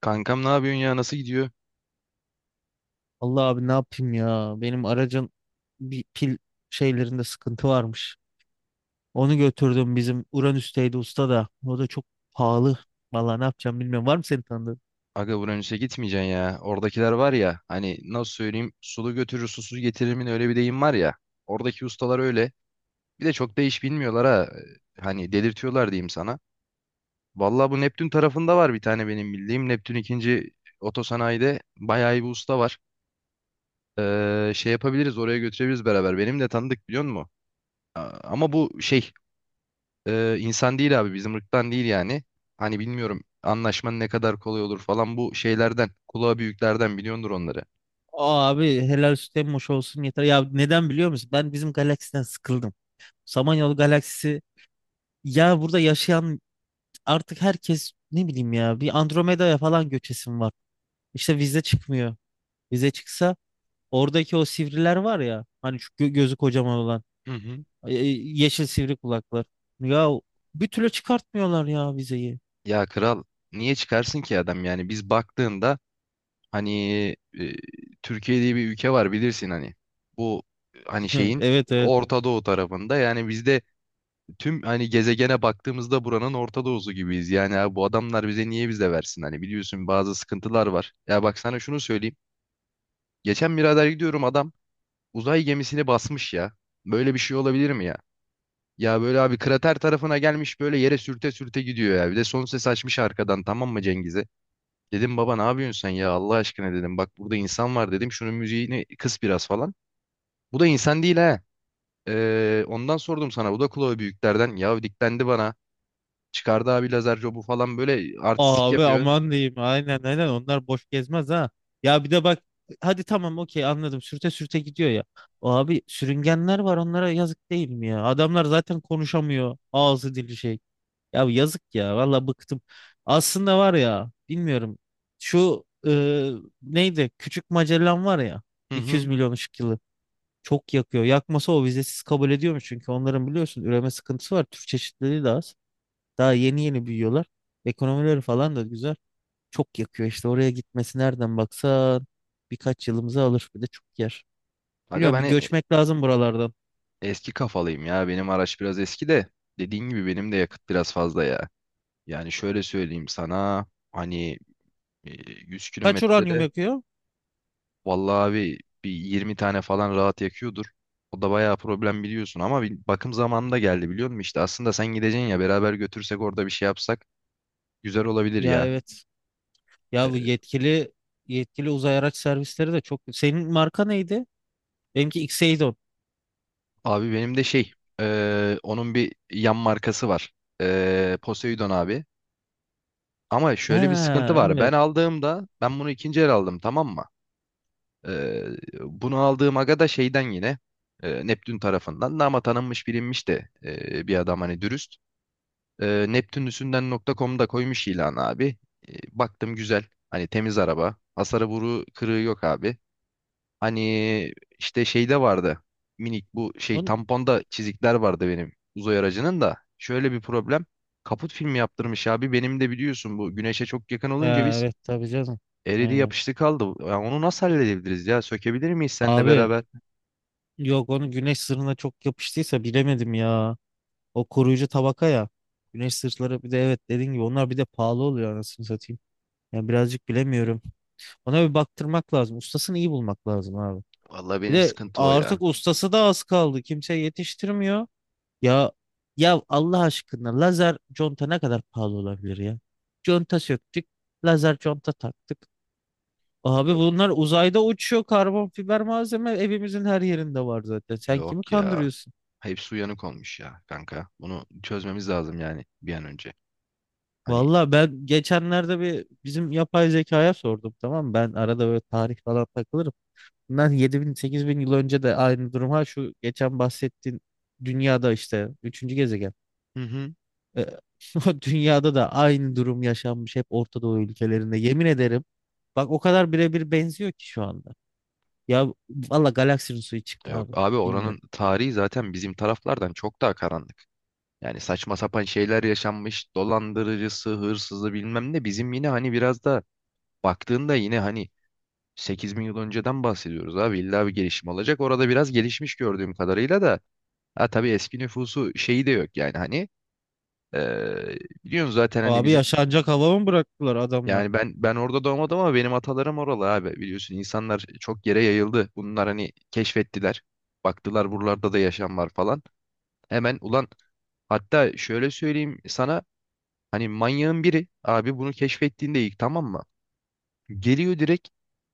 Kankam ne yapıyorsun ya, nasıl gidiyor? Allah abi ne yapayım ya? Benim aracın bir pil şeylerinde sıkıntı varmış. Onu götürdüm bizim Uranüs'teydi usta da. O da çok pahalı. Valla ne yapacağım bilmiyorum. Var mı senin tanıdığın? Aga, Uranüs'e gitmeyeceksin ya. Oradakiler var ya, hani nasıl söyleyeyim, sulu götürür susuz getirir mi, ne öyle bir deyim var ya. Oradaki ustalar öyle. Bir de çok da iş bilmiyorlar ha. Hani delirtiyorlar diyeyim sana. Vallahi bu Neptün tarafında var bir tane benim bildiğim. Neptün ikinci otosanayide bayağı iyi bir usta var. Şey yapabiliriz, oraya götürebiliriz beraber. Benim de tanıdık, biliyor musun? Ama bu şey, insan değil abi, bizim ırktan değil yani. Hani bilmiyorum anlaşmanın ne kadar kolay olur falan, bu şeylerden kulağa büyüklerden biliyordur onları. Aa abi helal süt emmoş olsun yeter. Ya neden biliyor musun? Ben bizim galaksiden sıkıldım. Samanyolu galaksisi ya burada yaşayan artık herkes ne bileyim ya bir Andromeda'ya falan göçesim var. İşte vize çıkmıyor. Vize çıksa oradaki o sivriler var ya hani şu gözü kocaman olan. Hı hı. E, yeşil sivri kulaklar. Ya bir türlü çıkartmıyorlar ya vizeyi. Ya kral, niye çıkarsın ki adam, yani biz baktığında hani, e, Türkiye diye bir ülke var bilirsin hani, bu hani şeyin Evet evet. Orta Doğu tarafında, yani bizde tüm hani gezegene baktığımızda buranın Orta Doğu'su gibiyiz yani abi, bu adamlar bize niye bize versin, hani biliyorsun, bazı sıkıntılar var. Ya bak sana şunu söyleyeyim, geçen birader gidiyorum, adam uzay gemisini basmış ya. Böyle bir şey olabilir mi ya? Ya böyle abi, krater tarafına gelmiş, böyle yere sürte sürte gidiyor ya. Bir de son ses açmış arkadan, tamam mı, Cengiz'e? Dedim, baba ne yapıyorsun sen ya, Allah aşkına dedim. Bak burada insan var dedim. Şunun müziğini kıs biraz falan. Bu da insan değil ha. Ondan sordum sana. Bu da kulağı büyüklerden. Ya diklendi bana. Çıkardı abi lazer jobu falan, böyle artistik Abi yapıyor. aman diyeyim. Aynen aynen onlar boş gezmez ha. Ya bir de bak hadi tamam okey anladım. Sürte sürte gidiyor ya. Abi sürüngenler var onlara yazık değil mi ya? Adamlar zaten konuşamıyor. Ağzı dili şey. Ya yazık ya valla bıktım. Aslında var ya bilmiyorum. Şu neydi? Küçük Magellan var ya. Hı 200 hı. milyon ışık yılı. Çok yakıyor. Yakmasa o vizesiz kabul ediyormuş. Çünkü onların biliyorsun üreme sıkıntısı var. Türk çeşitliliği de az. Daha yeni yeni büyüyorlar. Ekonomileri falan da güzel. Çok yakıyor işte oraya gitmesi nereden baksan birkaç yılımızı alır. Bir de çok yer. Aga, Biliyorum bir ben göçmek lazım buralardan. eski kafalıyım ya. Benim araç biraz eski de. Dediğin gibi benim de yakıt biraz fazla ya. Yani şöyle söyleyeyim sana, hani e, 100 Kaç uranyum kilometrede yakıyor? vallahi abi bir 20 tane falan rahat yakıyordur. O da bayağı problem, biliyorsun, ama bir bakım zamanında geldi, biliyor musun? İşte aslında sen gideceksin ya, beraber götürsek, orada bir şey yapsak güzel olabilir Ya ya. evet. Ya bu E, yetkili yetkili uzay araç servisleri de çok. Senin marka neydi? Benimki Xeydon. Abi benim de şey, onun bir yan markası var. Poseidon abi. Ama şöyle bir sıkıntı Ha var. Ben evet. aldığımda, ben bunu ikinci el aldım, tamam mı? Ee, Bunu aldığım aga da şeyden yine, Neptün tarafından da, ama tanınmış bilinmiş de, bir adam, hani dürüst. Neptünlüsünden.com'da koymuş ilan abi. Baktım güzel. Hani temiz araba. Hasarı, vuru kırığı yok abi. Hani işte şeyde vardı. Minik bu şey, On... tamponda çizikler vardı benim uzay aracının da. Şöyle bir problem. Kaput filmi yaptırmış abi. Benim de biliyorsun, bu güneşe çok yakın Ha, olunca biz, evet tabii canım. eridi Aynen. yapıştı kaldı. Ya onu nasıl halledebiliriz ya? Sökebilir miyiz seninle Abi beraber? yok onu güneş sırrına çok yapıştıysa bilemedim ya. O koruyucu tabaka ya. Güneş sırtları bir de evet dediğin gibi onlar bir de pahalı oluyor anasını satayım. Yani birazcık bilemiyorum. Ona bir baktırmak lazım. Ustasını iyi bulmak lazım abi. Vallahi Bir benim de sıkıntı o ya. artık ustası da az kaldı. Kimse yetiştirmiyor. Ya ya Allah aşkına lazer conta ne kadar pahalı olabilir ya? Conta söktük. Lazer conta taktık. Abi Yok, bunlar uzayda uçuyor. Karbon fiber malzeme evimizin her yerinde var zaten. Sen kimi yok ya. kandırıyorsun? Hepsi uyanık olmuş ya kanka. Bunu çözmemiz lazım yani, bir an önce. Hani, Valla ben geçenlerde bir bizim yapay zekaya sordum tamam mı? Ben arada böyle tarih falan takılırım. Bundan 7000 8000 yıl önce de aynı durum ha şu geçen bahsettiğin dünyada işte üçüncü gezegen. hı hı. Ee, o dünyada da aynı durum yaşanmış hep Orta Doğu ülkelerinde. Yemin ederim bak o kadar birebir benziyor ki şu anda. Ya valla galaksinin suyu çıktı Yok abi abi, oranın bilmiyorum. tarihi zaten bizim taraflardan çok daha karanlık. Yani saçma sapan şeyler yaşanmış. Dolandırıcısı, hırsızı, bilmem ne. Bizim yine hani biraz da baktığında yine hani 8 bin yıl önceden bahsediyoruz abi. İlla bir gelişim olacak. Orada biraz gelişmiş, gördüğüm kadarıyla da. Ha tabii, eski nüfusu, şeyi de yok yani hani. Biliyorsun zaten hani Abi bizim. yaşanacak hava mı bıraktılar adamlar? Yani ben orada doğmadım ama benim atalarım oralı abi, biliyorsun insanlar çok yere yayıldı. Bunlar hani keşfettiler. Baktılar buralarda da yaşam var falan. Hemen, ulan, hatta şöyle söyleyeyim sana, hani manyağın biri abi bunu keşfettiğinde ilk, tamam mı? Geliyor direkt,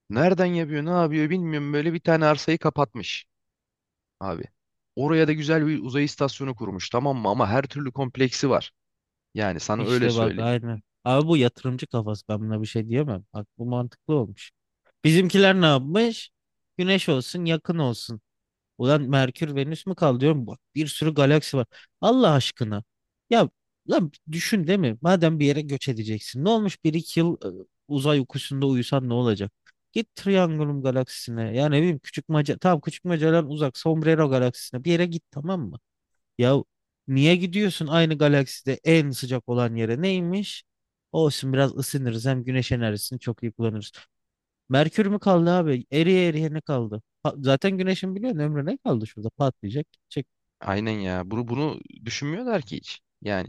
nereden yapıyor ne yapıyor bilmiyorum, böyle bir tane arsayı kapatmış abi. Oraya da güzel bir uzay istasyonu kurmuş, tamam mı, ama her türlü kompleksi var. Yani sana öyle İşte bak söyleyeyim. aynen. Abi bu yatırımcı kafası ben buna bir şey diyemem. Bak bu mantıklı olmuş. Bizimkiler ne yapmış? Güneş olsun yakın olsun. Ulan Merkür Venüs mü kaldı diyorum. Bak bir sürü galaksi var. Allah aşkına. Ya lan düşün değil mi? Madem bir yere göç edeceksin. Ne olmuş bir iki yıl uzay uykusunda uyusan ne olacak? Git Triangulum galaksisine. Yani ne bileyim Küçükmaca. Tamam Küçükmaca'dan uzak. Sombrero galaksisine. Bir yere git tamam mı? Ya niye gidiyorsun aynı galakside en sıcak olan yere? Neymiş? Olsun biraz ısınırız hem güneş enerjisini çok iyi kullanırız. Merkür mü kaldı abi? Eriye eriye ne kaldı? Zaten güneşin biliyorsun ömrü ne kaldı şurada patlayacak. Çek. Aynen ya. Bunu düşünmüyorlar ki hiç. Yani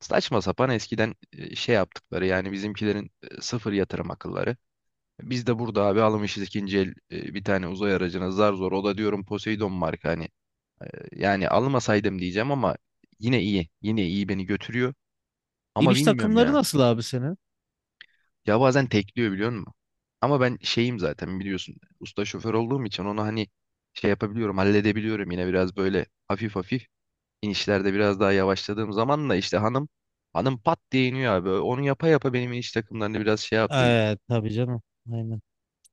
saçma sapan, eskiden şey yaptıkları yani bizimkilerin sıfır yatırım akılları. Biz de burada abi almışız ikinci el bir tane uzay aracına zar zor. O da diyorum Poseidon marka hani. Yani almasaydım diyeceğim ama yine iyi. Yine iyi, beni götürüyor. Ama İniş bilmiyorum takımları ya. nasıl abi senin? Ya bazen tekliyor, biliyor musun? Ama ben şeyim zaten, biliyorsun. Usta şoför olduğum için onu hani, şey yapabiliyorum, halledebiliyorum yine biraz böyle hafif hafif. İnişlerde biraz daha yavaşladığım zaman da işte, hanım hanım pat diye iniyor abi. Onu yapa yapa benim iniş takımlarında biraz şey yaptı. Evet tabii canım. Aynen.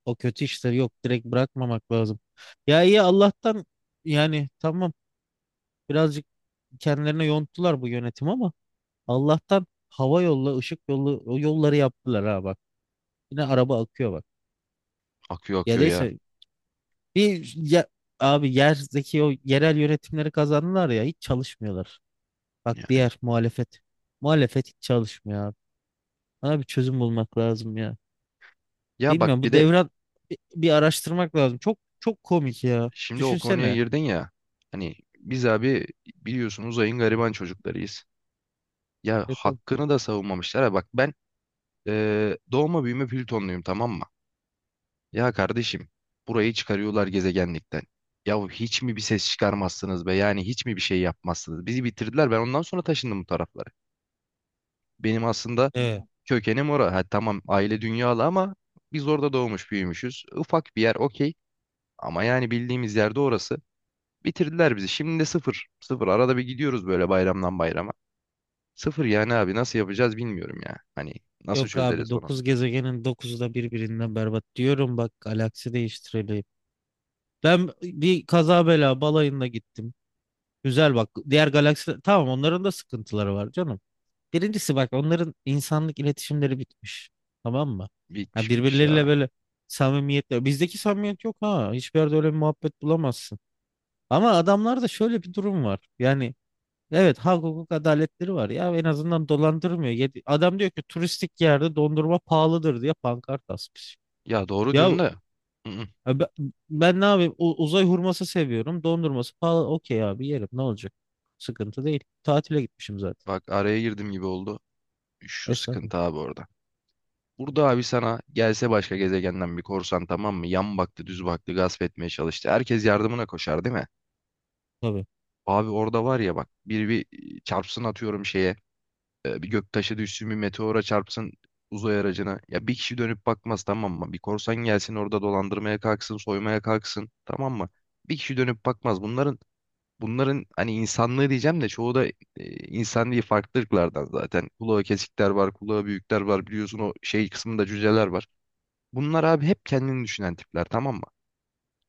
O kötü işler yok direkt bırakmamak lazım. Ya iyi Allah'tan yani tamam birazcık kendilerine yonttular bu yönetim ama Allah'tan hava yolla ışık yolu o yolları yaptılar ha bak. Yine araba akıyor bak. Akıyor, Ya akıyor ya. neyse bir ya, abi yerdeki o yerel yönetimleri kazandılar ya hiç çalışmıyorlar. Bak Ya, diğer muhalefet. Muhalefet hiç çalışmıyor abi. Bana bir çözüm bulmak lazım ya. ya bak Bilmiyorum bir bu de, devran bir araştırmak lazım. Çok çok komik ya. şimdi o konuya Düşünsene. girdin ya. Hani biz abi, biliyorsun, uzayın gariban çocuklarıyız. Ya E, tabii. hakkını da savunmamışlar. Ha bak, ben doğma büyüme Plütonluyum, tamam mı? Ya kardeşim, burayı çıkarıyorlar gezegenlikten. Ya hiç mi bir ses çıkarmazsınız be? Yani hiç mi bir şey yapmazsınız? Bizi bitirdiler. Ben ondan sonra taşındım bu taraflara. Benim aslında Evet. kökenim orada. Ha, tamam, aile dünyalı ama biz orada doğmuş büyümüşüz. Ufak bir yer, okey. Ama yani bildiğimiz yerde orası. Bitirdiler bizi. Şimdi de sıfır. Sıfır. Arada bir gidiyoruz böyle, bayramdan bayrama. Sıfır yani abi, nasıl yapacağız bilmiyorum ya. Hani nasıl Yok abi çözeriz bunu? 9 gezegenin dokuzu da birbirinden berbat diyorum bak galaksi değiştirelim. Ben bir kaza bela balayında gittim. Güzel bak diğer galaksi tamam onların da sıkıntıları var canım. Birincisi bak onların insanlık iletişimleri bitmiş. Tamam mı? Ya Bitmiş, bitmiş abi. birbirleriyle böyle samimiyetle. Bizdeki samimiyet yok ha. Hiçbir yerde öyle bir muhabbet bulamazsın. Ama adamlarda şöyle bir durum var. Yani evet hak hukuk adaletleri var ya en azından dolandırmıyor. Adam diyor ki turistik yerde dondurma pahalıdır diye pankart asmış. Ya doğru Ya diyorsun da. I-ı. e, be- ben ne yapayım uzay hurması seviyorum dondurması pahalı okey abi yerim ne olacak? Sıkıntı değil. Tatile gitmişim zaten. Bak, araya girdim gibi oldu. Şu Estağfurullah. sıkıntı abi orada. Burada abi, sana gelse başka gezegenden bir korsan, tamam mı? Yan baktı, düz baktı, gasp etmeye çalıştı. Herkes yardımına koşar, değil mi? Tabii. Abi orada var ya bak, biri bir çarpsın, atıyorum şeye, bir göktaşı düşsün, bir meteora çarpsın uzay aracına ya, bir kişi dönüp bakmaz, tamam mı? Bir korsan gelsin, orada dolandırmaya kalksın, soymaya kalksın, tamam mı? Bir kişi dönüp bakmaz. Bunların, hani insanlığı diyeceğim de, çoğu da insan değil, farklı ırklardan, zaten kulağı kesikler var, kulağı büyükler var biliyorsun, o şey kısmında cüceler var. Bunlar abi hep kendini düşünen tipler, tamam mı?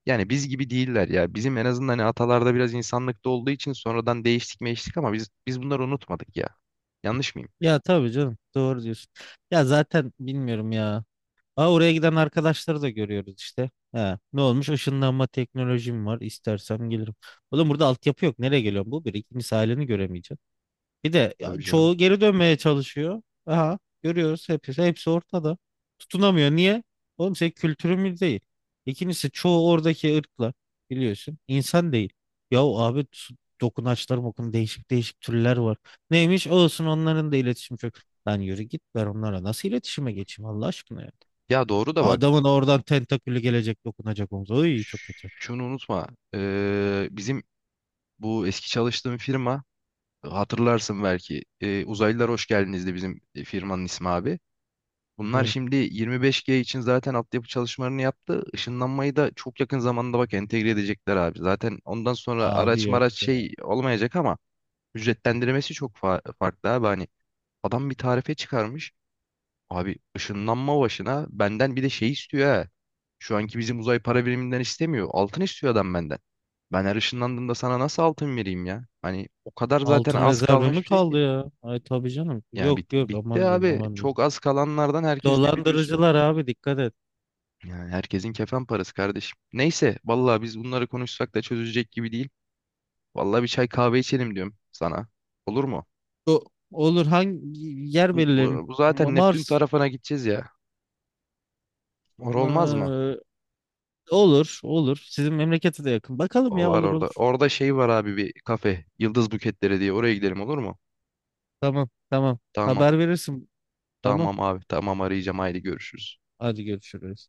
Yani biz gibi değiller ya. Bizim en azından hani atalarda biraz insanlıkta olduğu için, sonradan değiştik meştik ama biz bunları unutmadık ya. Yanlış mıyım? Ya tabii canım doğru diyorsun. Ya zaten bilmiyorum ya. Aa, oraya giden arkadaşları da görüyoruz işte. Ha, ne olmuş? Işınlanma teknolojim var. İstersem gelirim. Oğlum burada altyapı yok. Nereye geliyorum? Bu bir. İkincisi aileni göremeyeceğim. Bir de ya Tabii canım. çoğu geri dönmeye çalışıyor. Aha görüyoruz hepsi, hepsi ortada. Tutunamıyor. Niye? Oğlum senin kültürün mü değil. İkincisi çoğu oradaki ırklar biliyorsun insan değil. Yahu abi dokunaçlar mokun değişik değişik türler var. Neymiş olsun onların da iletişim çok. Lan yürü git ben onlara nasıl iletişime geçeyim Allah aşkına ya. Ya doğru da, bak Adamın oradan tentakülü gelecek dokunacak omuza. Oy çok kötü. şunu unutma. Bizim bu eski çalıştığım firma, hatırlarsın belki. Uzaylılar Hoş Geldiniz'di bizim firmanın ismi abi. Bunlar Evet. şimdi 25G için zaten altyapı çalışmalarını yaptı. Işınlanmayı da çok yakın zamanda bak entegre edecekler abi. Zaten ondan sonra Abi araç yok maraç ya. şey olmayacak ama ücretlendirmesi çok farklı abi. Hani adam bir tarife çıkarmış. Abi ışınlanma başına benden bir de şey istiyor ha. Şu anki bizim uzay para biriminden istemiyor. Altın istiyor adam benden. Ben her ışınlandığımda sana nasıl altın vereyim ya? Hani o kadar zaten Altın az rezervi kalmış mi bir şey kaldı ki. ya? Ay tabii canım. Yani Yok bit- yok bitti aman diyeyim abi. aman diyeyim. Çok az kalanlardan, herkes de biliyorsun. Dolandırıcılar abi dikkat et. Yani herkesin kefen parası kardeşim. Neyse, vallahi biz bunları konuşsak da çözülecek gibi değil. Vallahi bir çay kahve içelim diyorum sana. Olur mu? O- olur hangi yer Bu, belirleyelim? bu, bu Ma- zaten Neptün Mars tarafına gideceğiz ya. Olmaz mı? mı? Olur olur. Sizin memlekete de yakın. Bakalım O ya var olur orada. olur. Orada şey var abi, bir kafe. Yıldız Buketleri diye. Oraya gidelim, olur mu? Tamam tamam. Tamam. Haber verirsin. Tamam. Tamam abi. Tamam, arayacağım. Haydi, görüşürüz. Hadi görüşürüz.